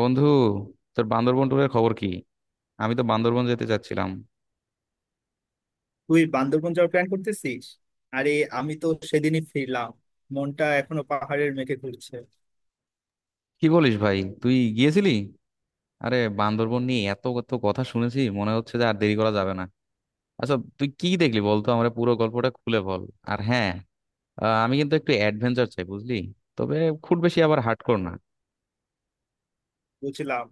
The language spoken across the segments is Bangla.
বন্ধু, তোর বান্দরবন ট্যুরের খবর কি? আমি তো বান্দরবন যেতে চাচ্ছিলাম। তুই বান্দরবন যাওয়ার প্ল্যান করতেছিস? আরে, আমি তো সেদিনই ফিরলাম। মনটা এখনো পাহাড়ের মেঘে ঘুরছে। কি বলিস ভাই, তুই গিয়েছিলি? আরে, বান্দরবন নিয়ে এত কত কথা শুনেছি, মনে হচ্ছে যে আর দেরি করা যাবে না। আচ্ছা, তুই কি দেখলি বলতো, আমার পুরো গল্পটা খুলে বল। আর হ্যাঁ, আমি কিন্তু একটু অ্যাডভেঞ্চার চাই, বুঝলি? তবে খুব বেশি আবার হার্ডকোর না। বুঝলাম।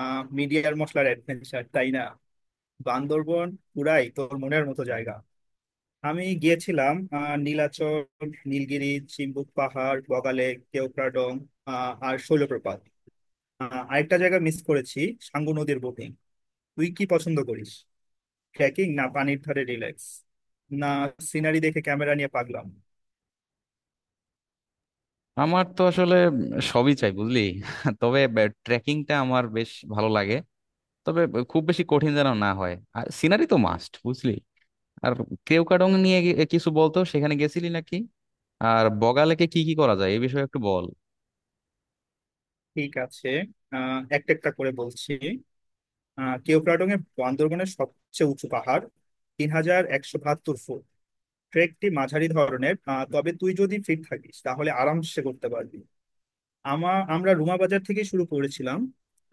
মিডিয়ার মশলার অ্যাডভেঞ্চার, তাই না? বান্দরবন পুরাই তোর মনের মতো জায়গা। আমি গিয়েছিলাম নীলাচল, নীলগিরি, চিম্বুক পাহাড়, বগালেক, কেওক্রাডং, আর শৈলপ্রপাত। আরেকটা জায়গা মিস করেছি, সাঙ্গু নদীর বোটিং। তুই কি পছন্দ করিস, ট্রেকিং না পানির ধারে রিল্যাক্স? না সিনারি দেখে ক্যামেরা নিয়ে পাগলাম? আমার তো আসলে সবই চাই, বুঝলি? তবে ট্রেকিংটা আমার বেশ ভালো লাগে। তবে খুব বেশি কঠিন যেন না হয়, আর সিনারি তো মাস্ট, বুঝলি? আর কেওক্রাডং নিয়ে কিছু বলতো, সেখানে গেছিলি নাকি? আর বগালেকে কি কি করা যায়, এই বিষয়ে একটু বল। ঠিক আছে, একটা একটা করে বলছি। কেওক্রাডং এর বান্দরবনের সবচেয়ে উঁচু পাহাড়, 3,172 ফুট। ট্রেকটি মাঝারি ধরনের, তবে তুই যদি ফিট থাকিস, তাহলে আরামসে করতে পারবি। আমরা রুমা বাজার থেকে শুরু করেছিলাম।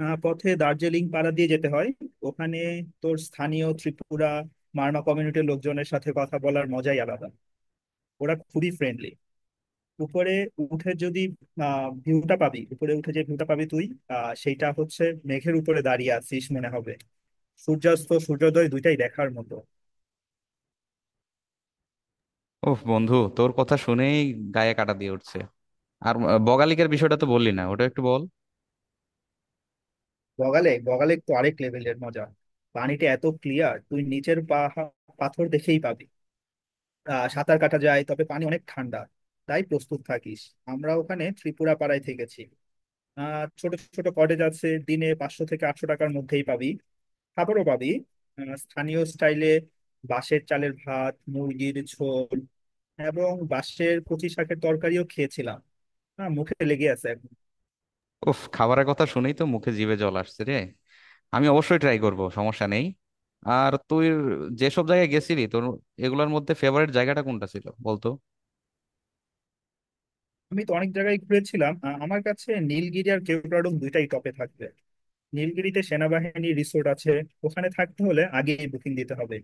পথে দার্জিলিং পাড়া দিয়ে যেতে হয়। ওখানে তোর স্থানীয় ত্রিপুরা, মারমা কমিউনিটির লোকজনের সাথে কথা বলার মজাই আলাদা। ওরা খুবই ফ্রেন্ডলি। উপরে উঠে যদি উপরে উঠে যে ভিউটা পাবি তুই, সেইটা হচ্ছে মেঘের উপরে দাঁড়িয়ে আছিস মনে হবে। সূর্যাস্ত, সূর্যোদয় দুইটাই দেখার মতো। ওহ বন্ধু, তোর কথা শুনেই গায়ে কাটা দিয়ে উঠছে। আর বগালিকার বিষয়টা তো বললি না, ওটা একটু বল। বগালে বগালে তো আরেক লেভেলের মজা। পানিটা এত ক্লিয়ার, তুই নিচের পাথর দেখেই পাবি। সাঁতার কাটা যায়, তবে পানি অনেক ঠান্ডা, তাই প্রস্তুত থাকিস। আমরা ওখানে ত্রিপুরা পাড়ায় থেকেছি। ছোট ছোট কটেজ আছে, দিনে 500 থেকে 800 টাকার মধ্যেই পাবি। খাবারও পাবি, স্থানীয় স্টাইলে। বাঁশের চালের ভাত, মুরগির ঝোল এবং বাঁশের কচি শাকের তরকারিও খেয়েছিলাম। হ্যাঁ, মুখে লেগে আছে এখন। ওফ, খাবারের কথা শুনেই তো মুখে, জিভে জল আসছে রে। আমি অবশ্যই ট্রাই করব, সমস্যা নেই। আর তুই যেসব জায়গায় গেছিলি, তোর এগুলোর মধ্যে ফেভারিট জায়গাটা কোনটা ছিল বলতো। আমি তো অনেক জায়গায় ঘুরেছিলাম, আমার কাছে নীলগিরি আর কেওড়াডুম দুইটাই টপে থাকবে। নীলগিরিতে সেনাবাহিনী রিসোর্ট আছে, ওখানে থাকতে হলে আগেই বুকিং দিতে হবে।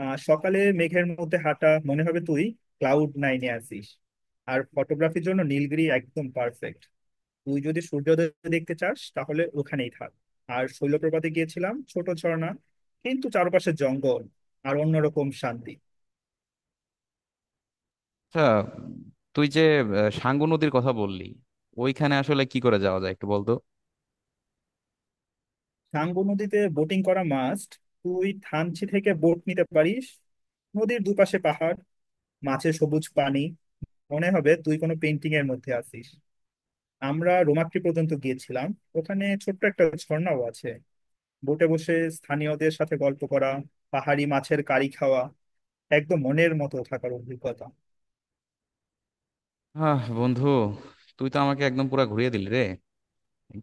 সকালে মেঘের মধ্যে হাঁটা, মনে হবে তুই ক্লাউড নাইনে আছিস। আর ফটোগ্রাফির জন্য নীলগিরি একদম পারফেক্ট। তুই যদি সূর্যোদয় দেখতে চাস, তাহলে ওখানেই থাক। আর শৈলপ্রপাতে গিয়েছিলাম, ছোট ঝর্ণা, কিন্তু চারপাশে জঙ্গল আর অন্যরকম শান্তি। আচ্ছা, তুই যে সাঙ্গু নদীর কথা বললি, ওইখানে আসলে কি করে যাওয়া যায় একটু বলতো। সাঙ্গু নদীতে বোটিং করা মাস্ট। তুই থানচি থেকে বোট নিতে পারিস। নদীর দুপাশে পাহাড়, মাঝে সবুজ পানি, মনে হবে তুই কোনো পেন্টিং এর মধ্যে আছিস। আমরা রোমাক্রি পর্যন্ত গিয়েছিলাম। ওখানে ছোট্ট একটা ঝর্ণাও আছে। বোটে বসে স্থানীয়দের সাথে গল্প করা, পাহাড়ি মাছের কারি খাওয়া, একদম মনের মতো থাকার অভিজ্ঞতা। হ্যাঁ বন্ধু, তুই তো আমাকে একদম পুরা ঘুরিয়ে দিলি রে।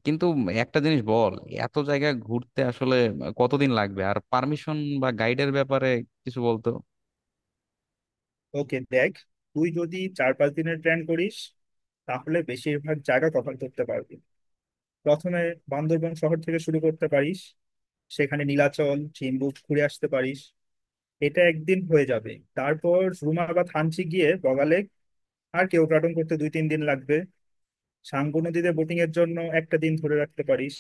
কিন্তু একটা জিনিস বল, এত জায়গা ঘুরতে আসলে কতদিন লাগবে, আর পারমিশন বা গাইডের ব্যাপারে কিছু বলতো। ওকে দেখ, তুই যদি 4-5 দিনের প্ল্যান করিস, তাহলে বেশিরভাগ জায়গা কভার করতে পারবি। প্রথমে বান্দরবান শহর থেকে শুরু করতে পারিস। সেখানে নীলাচল, চিম্বুক ঘুরে আসতে পারিস, এটা একদিন হয়ে যাবে। তারপর রুমা বা থানচি গিয়ে বগালেক আর কেওক্রাডং করতে 2-3 দিন লাগবে। সাঙ্গু নদীতে বোটিং এর জন্য একটা দিন ধরে রাখতে পারিস।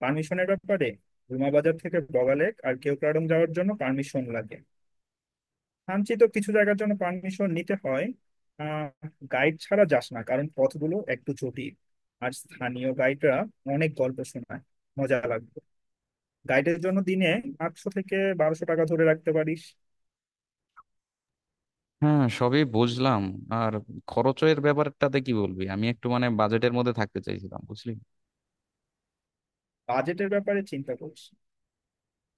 পারমিশনের ব্যাপারে, রুমা বাজার থেকে বগালেক আর কেওক্রাডং যাওয়ার জন্য পারমিশন লাগে। কাঞ্চিত কিছু জায়গার জন্য পারমিশন নিতে হয়। আহ গাইড ছাড়া যাস না, কারণ পথগুলো একটু জটিল। আর স্থানীয় গাইডরা অনেক গল্প শোনায়, মজা লাগবে। গাইডের জন্য দিনে 800 থেকে 1,200 টাকা ধরে রাখতে পারিস। হ্যাঁ, সবই বুঝলাম। আর খরচের ব্যাপারটাতে কি বলবি? আমি একটু মানে বাজেটের মধ্যে থাকতে চাইছিলাম, বুঝলি? বাজেটের ব্যাপারে চিন্তা করিস,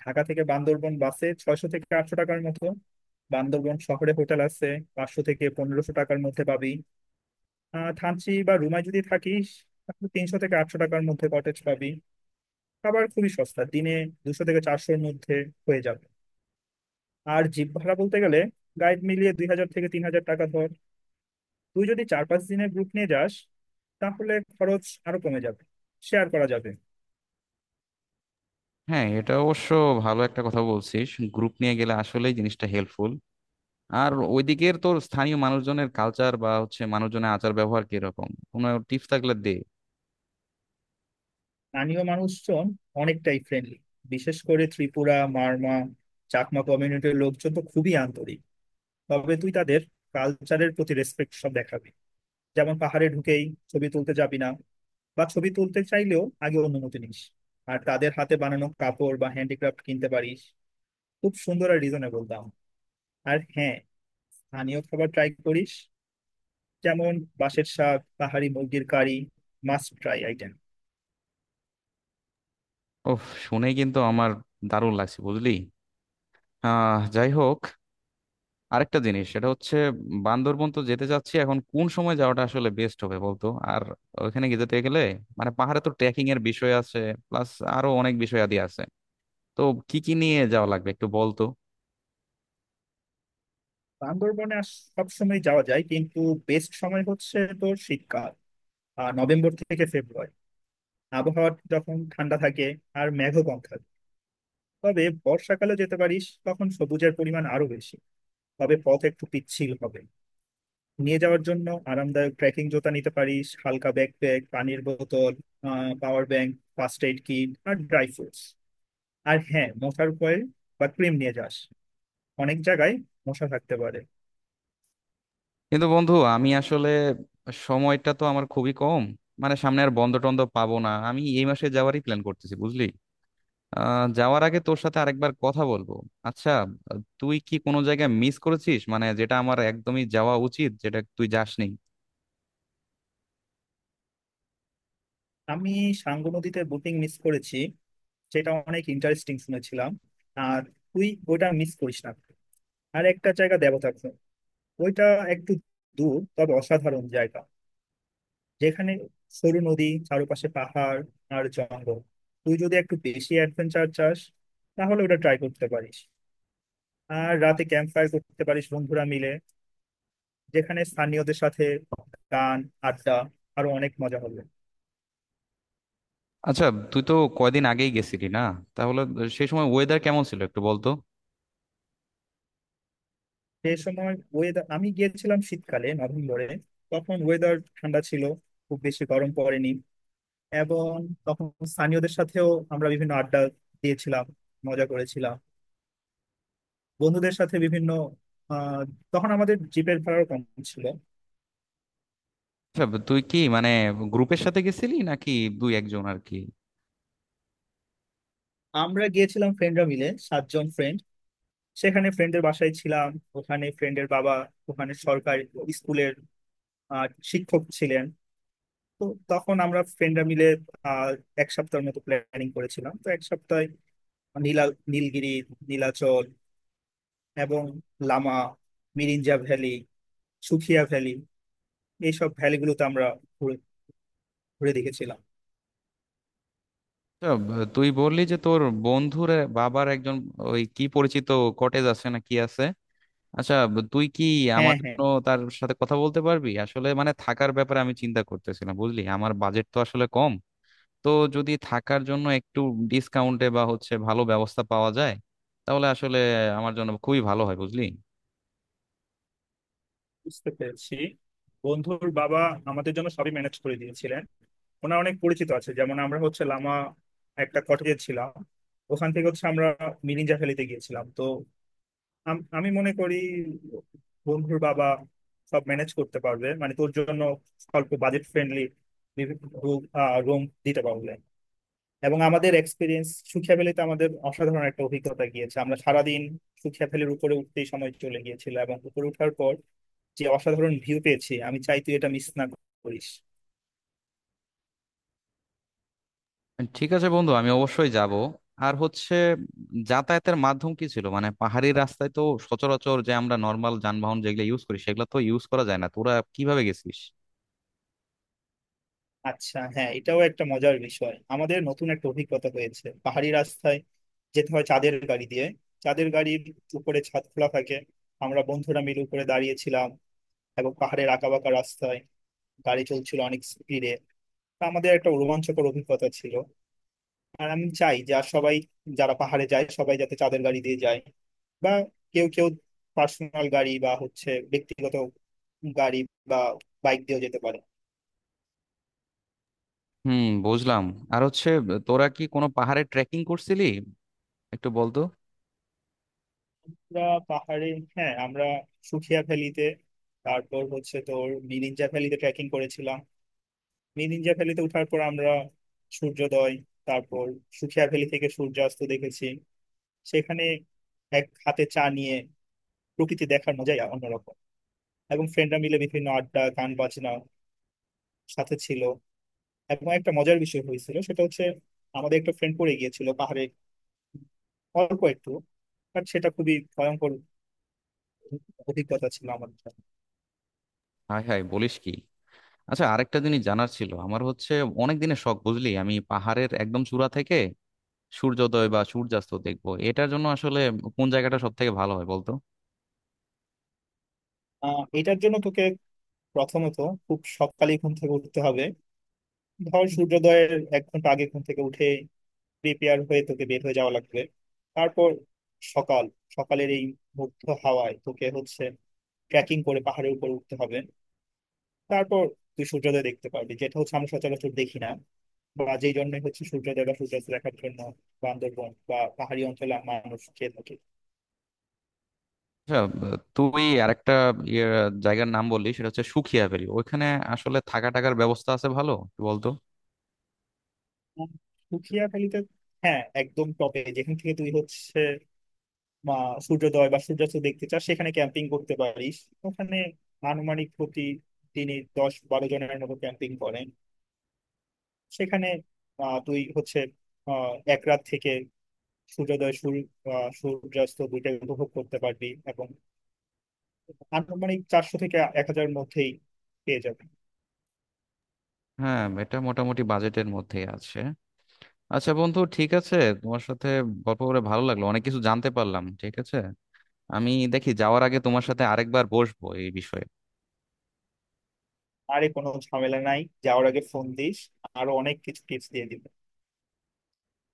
ঢাকা থেকে বান্দরবন বাসে 600 থেকে 800 টাকার মতো। বান্দরবন শহরে হোটেল আছে, 500 থেকে 1,500 টাকার মধ্যে পাবি। থানচি বা রুমায় যদি থাকিস, তাহলে 300 থেকে 800 টাকার মধ্যে কটেজ পাবি। খাবার খুবই সস্তা, দিনে 200 থেকে 400 মধ্যে হয়ে যাবে। আর জিপ ভাড়া বলতে গেলে গাইড মিলিয়ে 2,000 থেকে 3,000 টাকা ধর। তুই যদি চার পাঁচ দিনের গ্রুপ নিয়ে যাস, তাহলে খরচ আরো কমে যাবে, শেয়ার করা যাবে। হ্যাঁ, এটা অবশ্য ভালো একটা কথা বলছিস। গ্রুপ নিয়ে গেলে আসলেই জিনিসটা হেল্পফুল। আর ওইদিকের তোর স্থানীয় মানুষজনের কালচার, বা হচ্ছে মানুষজনের আচার ব্যবহার কিরকম, কোনো টিপস থাকলে দে। স্থানীয় মানুষজন অনেকটাই ফ্রেন্ডলি, বিশেষ করে ত্রিপুরা, মারমা, চাকমা কমিউনিটির লোকজন তো খুবই আন্তরিক। তবে তুই তাদের কালচারের প্রতি রেসপেক্ট সব দেখাবি। যেমন পাহাড়ে ঢুকেই ছবি তুলতে যাবি না, বা ছবি তুলতে চাইলেও আগে অনুমতি নিস। আর তাদের হাতে বানানো কাপড় বা হ্যান্ডিক্রাফট কিনতে পারিস, খুব সুন্দর আর রিজনেবল দাম। আর হ্যাঁ, স্থানীয় খাবার ট্রাই করিস, যেমন বাঁশের শাক, পাহাড়ি মুরগির কারি, মাস্ট ট্রাই আইটেম। ওহ, শুনে কিন্তু আমার দারুণ লাগছে, বুঝলি? যাই হোক, আরেকটা জিনিস সেটা হচ্ছে, বান্দরবন তো যেতে চাচ্ছি, এখন কোন সময় যাওয়াটা আসলে বেস্ট হবে বলতো। আর ওইখানে গিয়ে যেতে গেলে, মানে পাহাড়ে তো ট্রেকিং এর বিষয় আছে, প্লাস আরো অনেক বিষয় আদি আছে, তো কি কি নিয়ে যাওয়া লাগবে একটু বলতো। বান্দরবনে সব সময় যাওয়া যায়, কিন্তু বেস্ট সময় হচ্ছে তোর শীতকাল, আর নভেম্বর থেকে ফেব্রুয়ারি, আবহাওয়া যখন ঠান্ডা থাকে আর মেঘও কম থাকে। তবে বর্ষাকালে যেতে পারিস, তখন সবুজের পরিমাণ আরো বেশি, তবে পথ একটু পিচ্ছিল হবে। নিয়ে যাওয়ার জন্য আরামদায়ক ট্রেকিং জুতা নিতে পারিস, হালকা ব্যাকপ্যাক, পানির বোতল, power bank, first aid kit আর ড্রাই ফ্রুটস। আর হ্যাঁ, মশার কয়েল বা ক্রিম নিয়ে যাস, অনেক জায়গায় মশা থাকতে পারে। কিন্তু বন্ধু, আমি আসলে সময়টা তো আমার খুবই কম, মানে সামনে আর বন্ধ টন্ধ পাবো না, আমি এই মাসে যাওয়ারই প্ল্যান করতেছি, বুঝলি? যাওয়ার আগে তোর সাথে আরেকবার কথা বলবো। আচ্ছা, তুই কি কোনো জায়গায় মিস করেছিস, মানে যেটা আমার একদমই যাওয়া উচিত, যেটা তুই যাসনি? আমি সাঙ্গু নদীতে বোটিং মিস করেছি, সেটা অনেক ইন্টারেস্টিং শুনেছিলাম। আর তুই ওটা মিস করিস না। আর একটা জায়গা, দেবতাখুম, ওইটা একটু দূর, তবে অসাধারণ জায়গা, যেখানে সরু নদী, চারপাশে পাহাড় আর জঙ্গল। তুই যদি একটু বেশি অ্যাডভেঞ্চার চাস, তাহলে ওটা ট্রাই করতে পারিস। আর রাতে ক্যাম্প ফায়ার করতে পারিস বন্ধুরা মিলে, যেখানে স্থানীয়দের সাথে গান, আড্ডা, আরো অনেক মজা হবে। আচ্ছা, তুই তো কয়দিন আগেই গেছিলি না, তাহলে সেই সময় ওয়েদার কেমন ছিল একটু বলতো। সেই সময় ওয়েদার, আমি গিয়েছিলাম শীতকালে, নভেম্বরে। তখন ওয়েদার ঠান্ডা ছিল, খুব বেশি গরম পড়েনি। এবং তখন স্থানীয়দের সাথেও আমরা বিভিন্ন আড্ডা দিয়েছিলাম, মজা করেছিলাম বন্ধুদের সাথে বিভিন্ন। আহ, তখন আমাদের জিপের ভাড়াও কম ছিল। আচ্ছা, তুই কি মানে গ্রুপের সাথে গেছিলি, নাকি দুই একজন আর কি? আমরা গিয়েছিলাম ফ্রেন্ডরা মিলে, 7 জন ফ্রেন্ড। সেখানে ফ্রেন্ডের বাসায় ছিলাম। ওখানে ফ্রেন্ডের বাবা ওখানে সরকারি স্কুলের আহ, শিক্ষক ছিলেন। তো তখন আমরা ফ্রেন্ডরা মিলে আহ, এক সপ্তাহের মতো প্ল্যানিং করেছিলাম। তো এক সপ্তাহে নীলা নীলগিরি, নীলাচল এবং লামা, মিরিঞ্জা ভ্যালি, সুখিয়া ভ্যালি, এইসব ভ্যালিগুলোতে আমরা ঘুরে ঘুরে দেখেছিলাম। আচ্ছা, তুই বললি যে তোর বন্ধুর বাবার একজন ওই কি পরিচিত কটেজ আছে, না কি আছে? আচ্ছা, তুই কি আমার হ্যাঁ হ্যাঁ, জন্য তার সাথে কথা বলতে পারবি? আসলে মানে থাকার ব্যাপারে আমি চিন্তা করতেছিলাম, বুঝলি? আমার বাজেট তো আসলে কম, তো যদি থাকার জন্য একটু ডিসকাউন্টে বা হচ্ছে ভালো ব্যবস্থা পাওয়া যায়, তাহলে আসলে আমার জন্য খুবই ভালো হয়, বুঝলি? বুঝতে পেরেছি। বন্ধুর বাবা আমাদের জন্য সবই ম্যানেজ করে দিয়েছিলেন। ওনার অনেক পরিচিত আছে। যেমন আমরা হচ্ছে লামা একটা কটেজে ছিলাম। ওখান থেকে হচ্ছে আমরা মিরিঞ্জা ভ্যালিতে গিয়েছিলাম। তো আমি মনে করি বন্ধুর বাবা সব ম্যানেজ করতে পারবে, মানে তোর জন্য অল্প বাজেট ফ্রেন্ডলি রুম দিতে পারবে। এবং আমাদের এক্সপিরিয়েন্স, সুখিয়া ভ্যালিতে আমাদের অসাধারণ একটা অভিজ্ঞতা গিয়েছে। আমরা সারাদিন সুখিয়া ভ্যালির উপরে উঠতেই সময় চলে গিয়েছিল, এবং উপরে ওঠার পর যে অসাধারণ ভিউ পেয়েছি, আমি চাই তুই এটা মিস না করিস। ঠিক আছে বন্ধু, আমি অবশ্যই যাব। আর হচ্ছে, যাতায়াতের মাধ্যম কি ছিল? মানে পাহাড়ি রাস্তায় তো সচরাচর যে আমরা নর্মাল যানবাহন যেগুলো ইউজ করি, সেগুলো তো ইউজ করা যায় না, তোরা কিভাবে গেছিস? আচ্ছা হ্যাঁ, এটাও একটা মজার বিষয়, আমাদের নতুন একটা অভিজ্ঞতা হয়েছে। পাহাড়ি রাস্তায় যেতে হয় চাঁদের গাড়ি দিয়ে। চাঁদের গাড়ির উপরে ছাদ খোলা থাকে। আমরা বন্ধুরা মিলে উপরে দাঁড়িয়েছিলাম, এবং পাহাড়ের আঁকাবাঁকা রাস্তায় গাড়ি চলছিল অনেক স্পিডে। তা আমাদের একটা রোমাঞ্চকর অভিজ্ঞতা ছিল। আর আমি চাই যে আর সবাই যারা পাহাড়ে যায়, সবাই যাতে চাঁদের গাড়ি দিয়ে যায়, বা কেউ কেউ পার্সোনাল গাড়ি বা হচ্ছে ব্যক্তিগত গাড়ি, বা বাইক দিয়েও যেতে পারে। হুম, বুঝলাম। আর হচ্ছে, তোরা কি কোনো পাহাড়ে ট্রেকিং করছিলি, একটু বলতো। আমরা পাহাড়ে হ্যাঁ, আমরা সুখিয়া ভ্যালিতে, তারপর হচ্ছে তোর মিরিঞ্জা ভ্যালিতে ট্রেকিং করেছিলাম। মিরিঞ্জা ভ্যালিতে ওঠার পর আমরা সূর্যোদয়, তারপর সুখিয়া ভ্যালি থেকে সূর্যাস্ত দেখেছি। সেখানে এক হাতে চা নিয়ে প্রকৃতি দেখার মজাই অন্যরকম। এবং ফ্রেন্ডরা মিলে বিভিন্ন আড্ডা, গান বাজনা সাথে ছিল। এবং একটা মজার বিষয় হয়েছিল, সেটা হচ্ছে আমাদের একটা ফ্রেন্ড পড়ে গিয়েছিল পাহাড়ে, অল্প একটু, বাট সেটা খুবই ভয়ঙ্কর অভিজ্ঞতা ছিল আমার জন্য। হাই হাই, বলিস কি! আচ্ছা, আরেকটা জিনিস জানার ছিল আমার, হচ্ছে অনেক দিনের শখ, বুঝলি, আমি পাহাড়ের একদম চূড়া থেকে সূর্যোদয় বা সূর্যাস্ত দেখবো, এটার জন্য আসলে কোন জায়গাটা সব থেকে ভালো হয় বলতো। এটার জন্য তোকে প্রথমত খুব সকালে ঘুম থেকে উঠতে হবে। ধর সূর্যোদয়ের এক ঘন্টা আগে ঘুম থেকে উঠে প্রিপেয়ার হয়ে তোকে বের হয়ে যাওয়া লাগবে। তারপর সকাল সকালের এই মুগ্ধ হাওয়ায় তোকে হচ্ছে ট্রেকিং করে পাহাড়ের উপর উঠতে হবে। তারপর তুই সূর্যোদয় দেখতে পারবি, যেটা হচ্ছে আমরা সচরাচর দেখি না। বা যেই জন্যই হচ্ছে সূর্যোদয় বা সূর্যাস্ত দেখার জন্য বান্দরবন বা পাহাড়ি অঞ্চলে মানুষ খেয়ে থাকে। আচ্ছা, তুই আরেকটা ইয়ে জায়গার নাম বললি, সেটা হচ্ছে সুখিয়া ভ্যালি, ওইখানে আসলে থাকা টাকার ব্যবস্থা আছে ভালো, একটু বলতো। উম, পুঠিয়াখালীতে, হ্যাঁ, একদম টপে, যেখান থেকে তুই হচ্ছে মা সূর্যোদয় বা সূর্যাস্ত দেখতে চাস, সেখানে ক্যাম্পিং করতে পারিস। ওখানে আনুমানিক প্রতি তিনি 10-12 জনের মতো ক্যাম্পিং করেন সেখানে। তুই হচ্ছে এক রাত থেকে সূর্যোদয় সূর্য সূর্যাস্ত দুইটাই উপভোগ করতে পারবি, এবং আনুমানিক 400 থেকে 1,000 মধ্যেই পেয়ে যাবে। হ্যাঁ, এটা মোটামুটি বাজেটের মধ্যেই আছে। আচ্ছা বন্ধু, ঠিক আছে, তোমার সাথে গল্প করে ভালো লাগলো, অনেক কিছু জানতে পারলাম। ঠিক আছে, আমি দেখি যাওয়ার আগে তোমার সাথে আরেকবার বসবো এই বিষয়ে। আরে কোনো ঝামেলা নাই। যাওয়ার আগে ফোন দিস, আরো অনেক কিছু টিপস দিয়ে দিব।